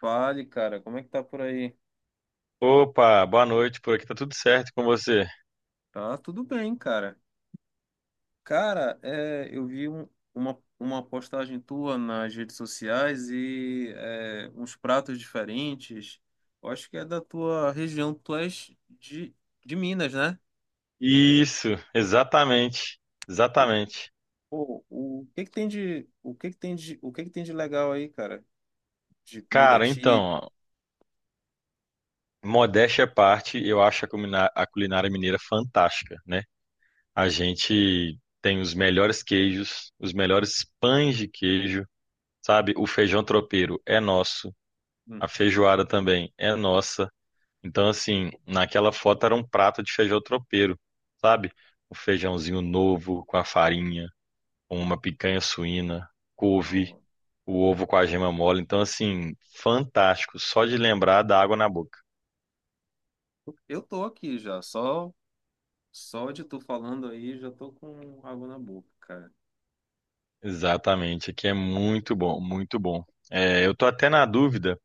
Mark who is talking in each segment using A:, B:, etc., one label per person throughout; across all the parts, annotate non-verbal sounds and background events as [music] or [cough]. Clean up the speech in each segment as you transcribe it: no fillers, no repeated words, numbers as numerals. A: Fale, cara, como é que tá por aí?
B: Opa, boa noite. Por aqui tá tudo certo com você?
A: Tá tudo bem, cara. Cara, eu vi uma postagem tua nas redes sociais e uns pratos diferentes. Eu acho que é da tua região, tu és de Minas, né?
B: Isso, exatamente.
A: O, que-
B: Exatamente.
A: Pô, o que que tem de legal aí, cara? De comida
B: Cara, então,
A: típica?
B: ó, modéstia à parte, eu acho a a culinária mineira fantástica, né? A gente tem os melhores queijos, os melhores pães de queijo, sabe? O feijão tropeiro é nosso,
A: Hum,
B: a feijoada também é nossa. Então, assim, naquela foto era um prato de feijão tropeiro, sabe? O feijãozinho novo com a farinha, uma picanha suína, couve,
A: não.
B: o ovo com a gema mole. Então, assim, fantástico. Só de lembrar dá água na boca.
A: Eu tô aqui já, só de tu falando aí, já tô com água na boca, cara.
B: Exatamente, aqui é muito bom, muito bom. É, eu tô até na dúvida.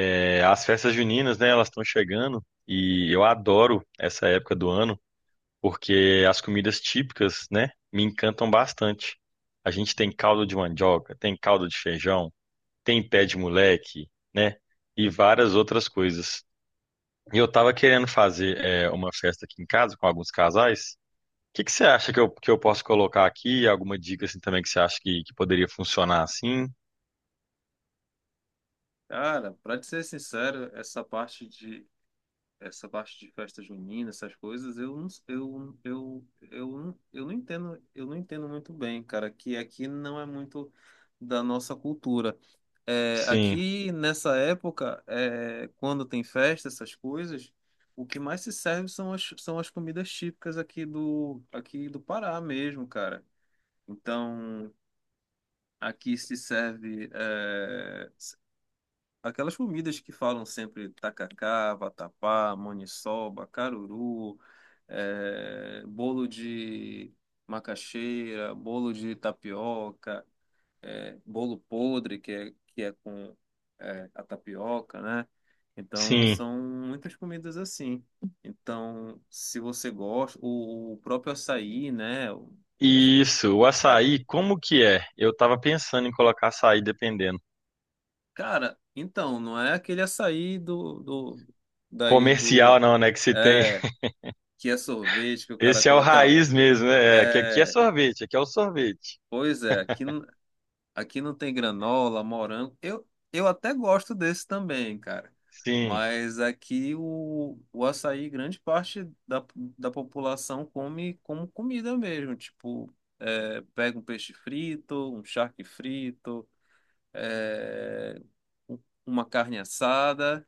B: As festas juninas, né, elas estão chegando e eu adoro essa época do ano porque as comidas típicas, né, me encantam bastante. A gente tem caldo de mandioca, tem caldo de feijão, tem pé de moleque, né, e várias outras coisas. E eu tava querendo fazer uma festa aqui em casa com alguns casais. O que que você acha que eu posso colocar aqui? Alguma dica assim também que você acha que poderia funcionar assim?
A: Cara, pra te ser sincero, essa parte de festa junina, essas coisas, eu não entendo muito bem, cara, que aqui não é muito da nossa cultura.
B: Sim,
A: Aqui nessa época, quando tem festa, essas coisas, o que mais se serve são as comidas típicas aqui do Pará mesmo, cara. Então, aqui se serve aquelas comidas que falam sempre tacacá, vatapá, maniçoba, caruru, bolo de macaxeira, bolo de tapioca, bolo podre, que é com a tapioca, né? Então,
B: sim.
A: são muitas comidas assim. Então, se você gosta, o próprio açaí, né? As-
B: Isso, o
A: é,
B: açaí, como que é? Eu tava pensando em colocar açaí dependendo.
A: Cara, então, não é aquele açaí daí
B: Comercial
A: do.
B: não, né? Que se tem.
A: É,
B: [laughs]
A: que é sorvete, que o cara
B: Esse é o
A: coloca.
B: raiz mesmo, né? É, que aqui é
A: É,
B: sorvete, aqui é o sorvete.
A: pois é, aqui, aqui não tem granola, morango. Eu até gosto desse também, cara.
B: Sim,
A: Mas aqui o açaí, grande parte da população come como comida mesmo. Tipo, pega um peixe frito, um charque frito, é, um- uma carne assada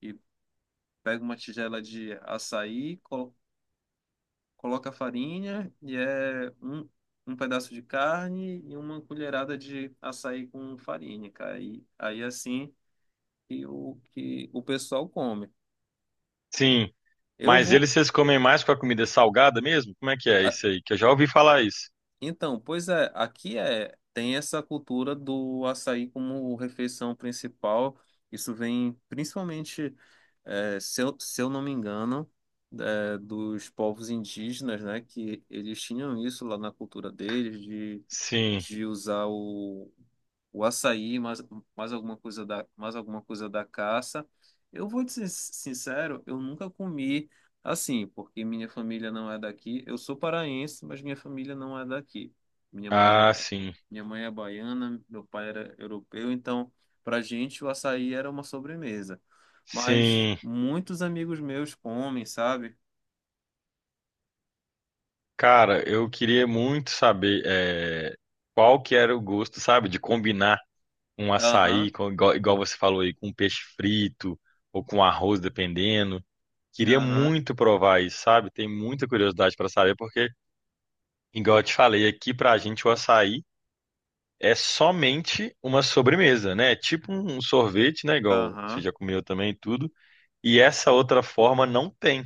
A: e pega uma tigela de açaí, coloca a farinha e é um pedaço de carne e uma colherada de açaí com farinha, cara. E aí assim que o pessoal come.
B: sim.
A: Eu
B: Mas
A: vou
B: eles, vocês comem mais com a comida salgada mesmo? Como é que é
A: a-
B: isso aí? Que eu já ouvi falar isso.
A: Então, pois é, aqui tem essa cultura do açaí como refeição principal. Isso vem principalmente, se eu não me engano, dos povos indígenas, né? Que eles tinham isso lá na cultura deles de
B: Sim.
A: de usar o açaí, mais alguma coisa da caça. Eu vou te ser sincero, eu nunca comi assim, porque minha família não é daqui. Eu sou paraense, mas minha família não é daqui. Minha mãe é,
B: Ah,
A: é-
B: sim.
A: Minha mãe é baiana, meu pai era europeu, então pra gente o açaí era uma sobremesa. Mas
B: Sim,
A: muitos amigos meus comem, sabe?
B: cara, eu queria muito saber eh, qual que era o gosto, sabe, de combinar um açaí,
A: Aham,
B: igual, igual você falou aí, com peixe frito ou com arroz, dependendo. Queria
A: aham,
B: muito provar isso, sabe? Tem muita curiosidade para saber, porque, igual eu te falei, aqui pra gente o açaí é somente uma sobremesa, né? É tipo um sorvete, né? Igual você
A: aham,
B: já comeu também e tudo. E essa outra forma não tem,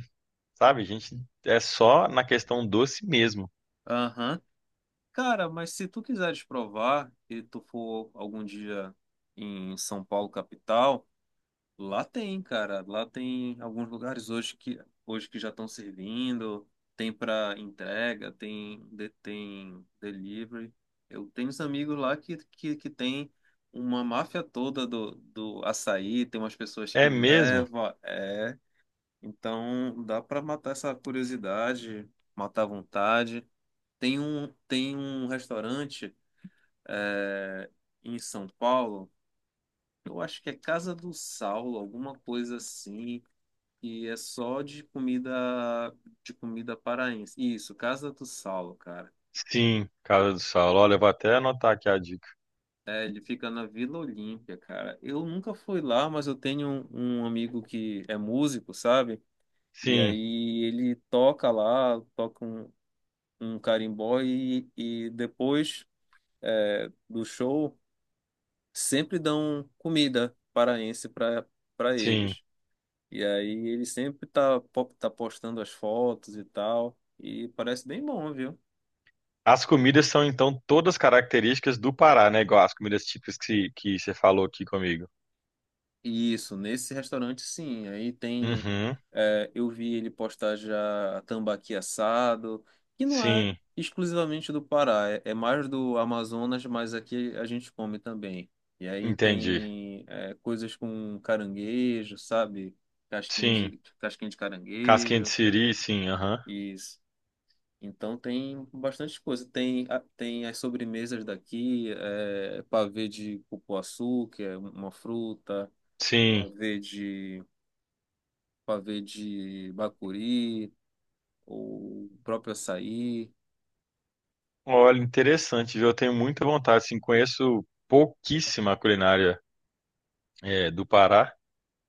B: sabe? A gente é só na questão doce mesmo.
A: aham. Cara, mas se tu quiseres provar e tu for algum dia em São Paulo, capital, lá tem, cara. Lá tem alguns lugares hoje que já estão servindo, tem para entrega, tem delivery. Eu tenho uns amigos lá que tem uma máfia toda do açaí, tem umas pessoas
B: É
A: que
B: mesmo?
A: levam, é. Então dá para matar essa curiosidade, matar a vontade. Tem um restaurante é, em São Paulo. Eu acho que é Casa do Saulo, alguma coisa assim. E é só de comida paraense. Isso, Casa do Saulo, cara.
B: Sim, Casa do Saulo. Olha, eu vou até anotar aqui a dica.
A: É, ele fica na Vila Olímpia, cara. Eu nunca fui lá, mas eu tenho um amigo que é músico, sabe? E
B: Sim,
A: aí ele toca lá, toca um carimbó e depois do show sempre dão comida paraense para
B: sim.
A: eles. E aí ele sempre tá postando as fotos e tal. E parece bem bom, viu?
B: As comidas são então todas características do Pará, né? Igual as comidas típicas que você falou aqui comigo.
A: Isso, nesse restaurante sim. Aí tem.
B: Uhum.
A: Eu vi ele postar já tambaqui assado, que não é
B: Sim,
A: exclusivamente do Pará, é mais do Amazonas, mas aqui a gente come também. E aí
B: entendi.
A: tem coisas com caranguejo, sabe? Casquinha
B: Sim.
A: de, casquinha de
B: Casquinha de
A: caranguejo.
B: siri, sim, aham.
A: Isso. Então tem bastante coisa. Tem as sobremesas daqui, pavê de cupuaçu, que é uma fruta,
B: Sim.
A: pavê de, pavê de bacuri, o próprio açaí.
B: Olha, interessante, viu? Eu tenho muita vontade, assim, conheço pouquíssima culinária do Pará,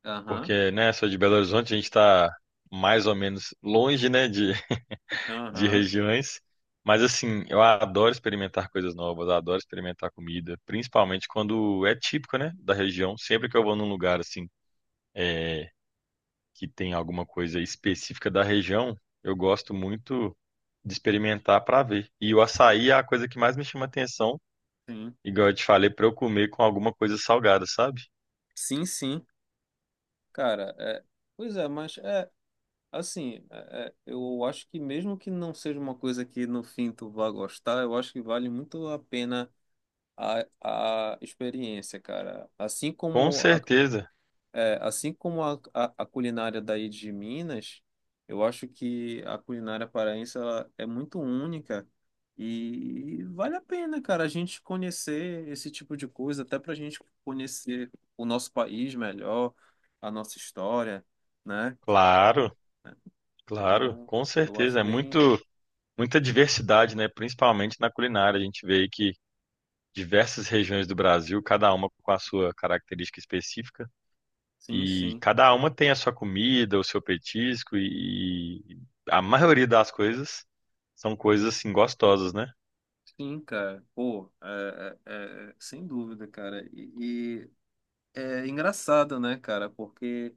A: Aham,
B: porque, né, sou de Belo Horizonte, a gente tá mais ou menos longe, né, de
A: aham,
B: regiões. Mas assim, eu adoro experimentar coisas novas, adoro experimentar comida, principalmente quando é típico, né, da região. Sempre que eu vou num lugar assim, é, que tem alguma coisa específica da região, eu gosto muito de experimentar para ver. E o açaí é a coisa que mais me chama atenção,
A: sim.
B: igual eu te falei, para eu comer com alguma coisa salgada, sabe?
A: Sim, sim. Cara, pois é, mas é assim, eu acho que mesmo que não seja uma coisa que no fim tu vá gostar, eu acho que vale muito a pena a, a experiência, cara. Assim
B: Com
A: como a
B: certeza,
A: Assim como a culinária daí de Minas, eu acho que a culinária paraense ela é muito única e vale a pena, cara, a gente conhecer esse tipo de coisa, até para a gente conhecer o nosso país melhor, a nossa história, né?
B: claro, claro,
A: Então,
B: com
A: eu
B: certeza.
A: acho
B: É
A: bem.
B: muito, muita diversidade, né, principalmente na culinária. A gente vê aí que diversas regiões do Brasil, cada uma com a sua característica específica,
A: Sim,
B: e
A: sim.
B: cada uma tem a sua comida, o seu petisco, e a maioria das coisas são coisas assim gostosas, né?
A: Sim, cara. Pô, sem dúvida, cara. E é engraçado, né, cara? Porque.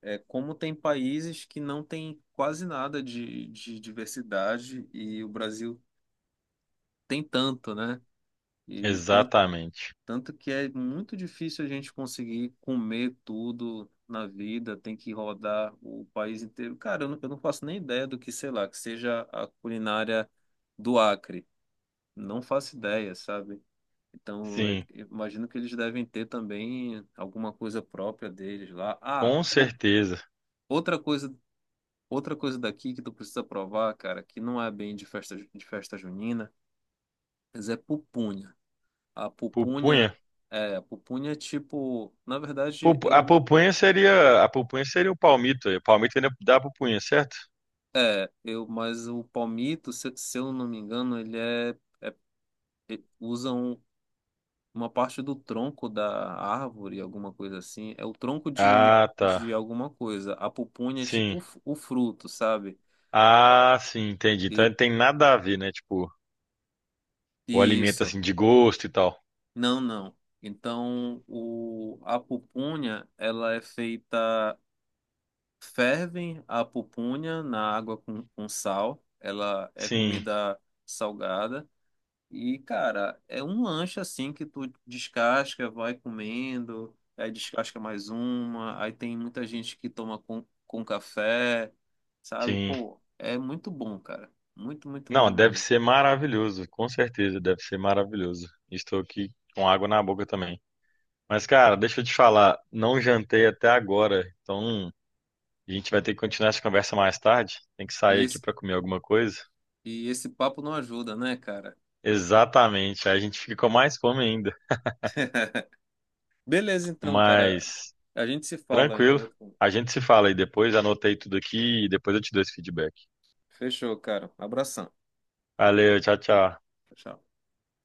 A: Como tem países que não tem quase nada de diversidade e o Brasil tem tanto, né? E tanto,
B: Exatamente.
A: tanto que é muito difícil a gente conseguir comer tudo na vida, tem que rodar o país inteiro. Cara, eu não faço nem ideia do que, sei lá, que seja a culinária do Acre. Não faço ideia, sabe? Então, eu
B: Sim,
A: eu imagino que eles devem ter também alguma coisa própria deles lá. Ah,
B: com certeza.
A: outra coisa Outra coisa daqui que tu precisa provar, cara, que não é bem de festa junina, mas é pupunha. A
B: Pupunha.
A: pupunha a pupunha é tipo, na verdade,
B: A pupunha seria o palmito. O palmito ainda dá pupunha, certo?
A: mas o palmito, se eu não me engano, ele usa uma parte do tronco da árvore, alguma coisa assim. É o tronco de,
B: Ah, tá.
A: de alguma coisa. A pupunha é tipo
B: Sim.
A: o fruto, sabe?
B: Ah, sim, entendi. Então
A: E,
B: não tem nada a ver, né? Tipo, o
A: e
B: alimento
A: isso.
B: assim de gosto e tal.
A: Não, não. Então, a pupunha, ela é feita. Fervem a pupunha na água com sal. Ela é
B: Sim,
A: comida salgada. E, cara, é um lanche assim que tu descasca, vai comendo, aí descasca mais uma. Aí tem muita gente que toma com café, sabe?
B: sim.
A: Pô, é muito bom, cara. Muito, muito
B: Não,
A: bom
B: deve
A: mesmo.
B: ser maravilhoso, com certeza, deve ser maravilhoso. Estou aqui com água na boca também. Mas, cara, deixa eu te falar, não jantei até agora, então a gente vai ter que continuar essa conversa mais tarde. Tem que
A: E
B: sair aqui
A: esse,
B: para comer alguma coisa.
A: e esse papo não ajuda, né, cara?
B: Exatamente, aí a gente fica com mais fome ainda.
A: [laughs] Beleza, então, cara.
B: Mas,
A: A gente se fala em
B: tranquilo,
A: outro.
B: a gente se fala aí depois. Anotei tudo aqui e depois eu te dou esse feedback.
A: Fechou, cara. Abração.
B: Valeu, tchau, tchau.
A: Tchau.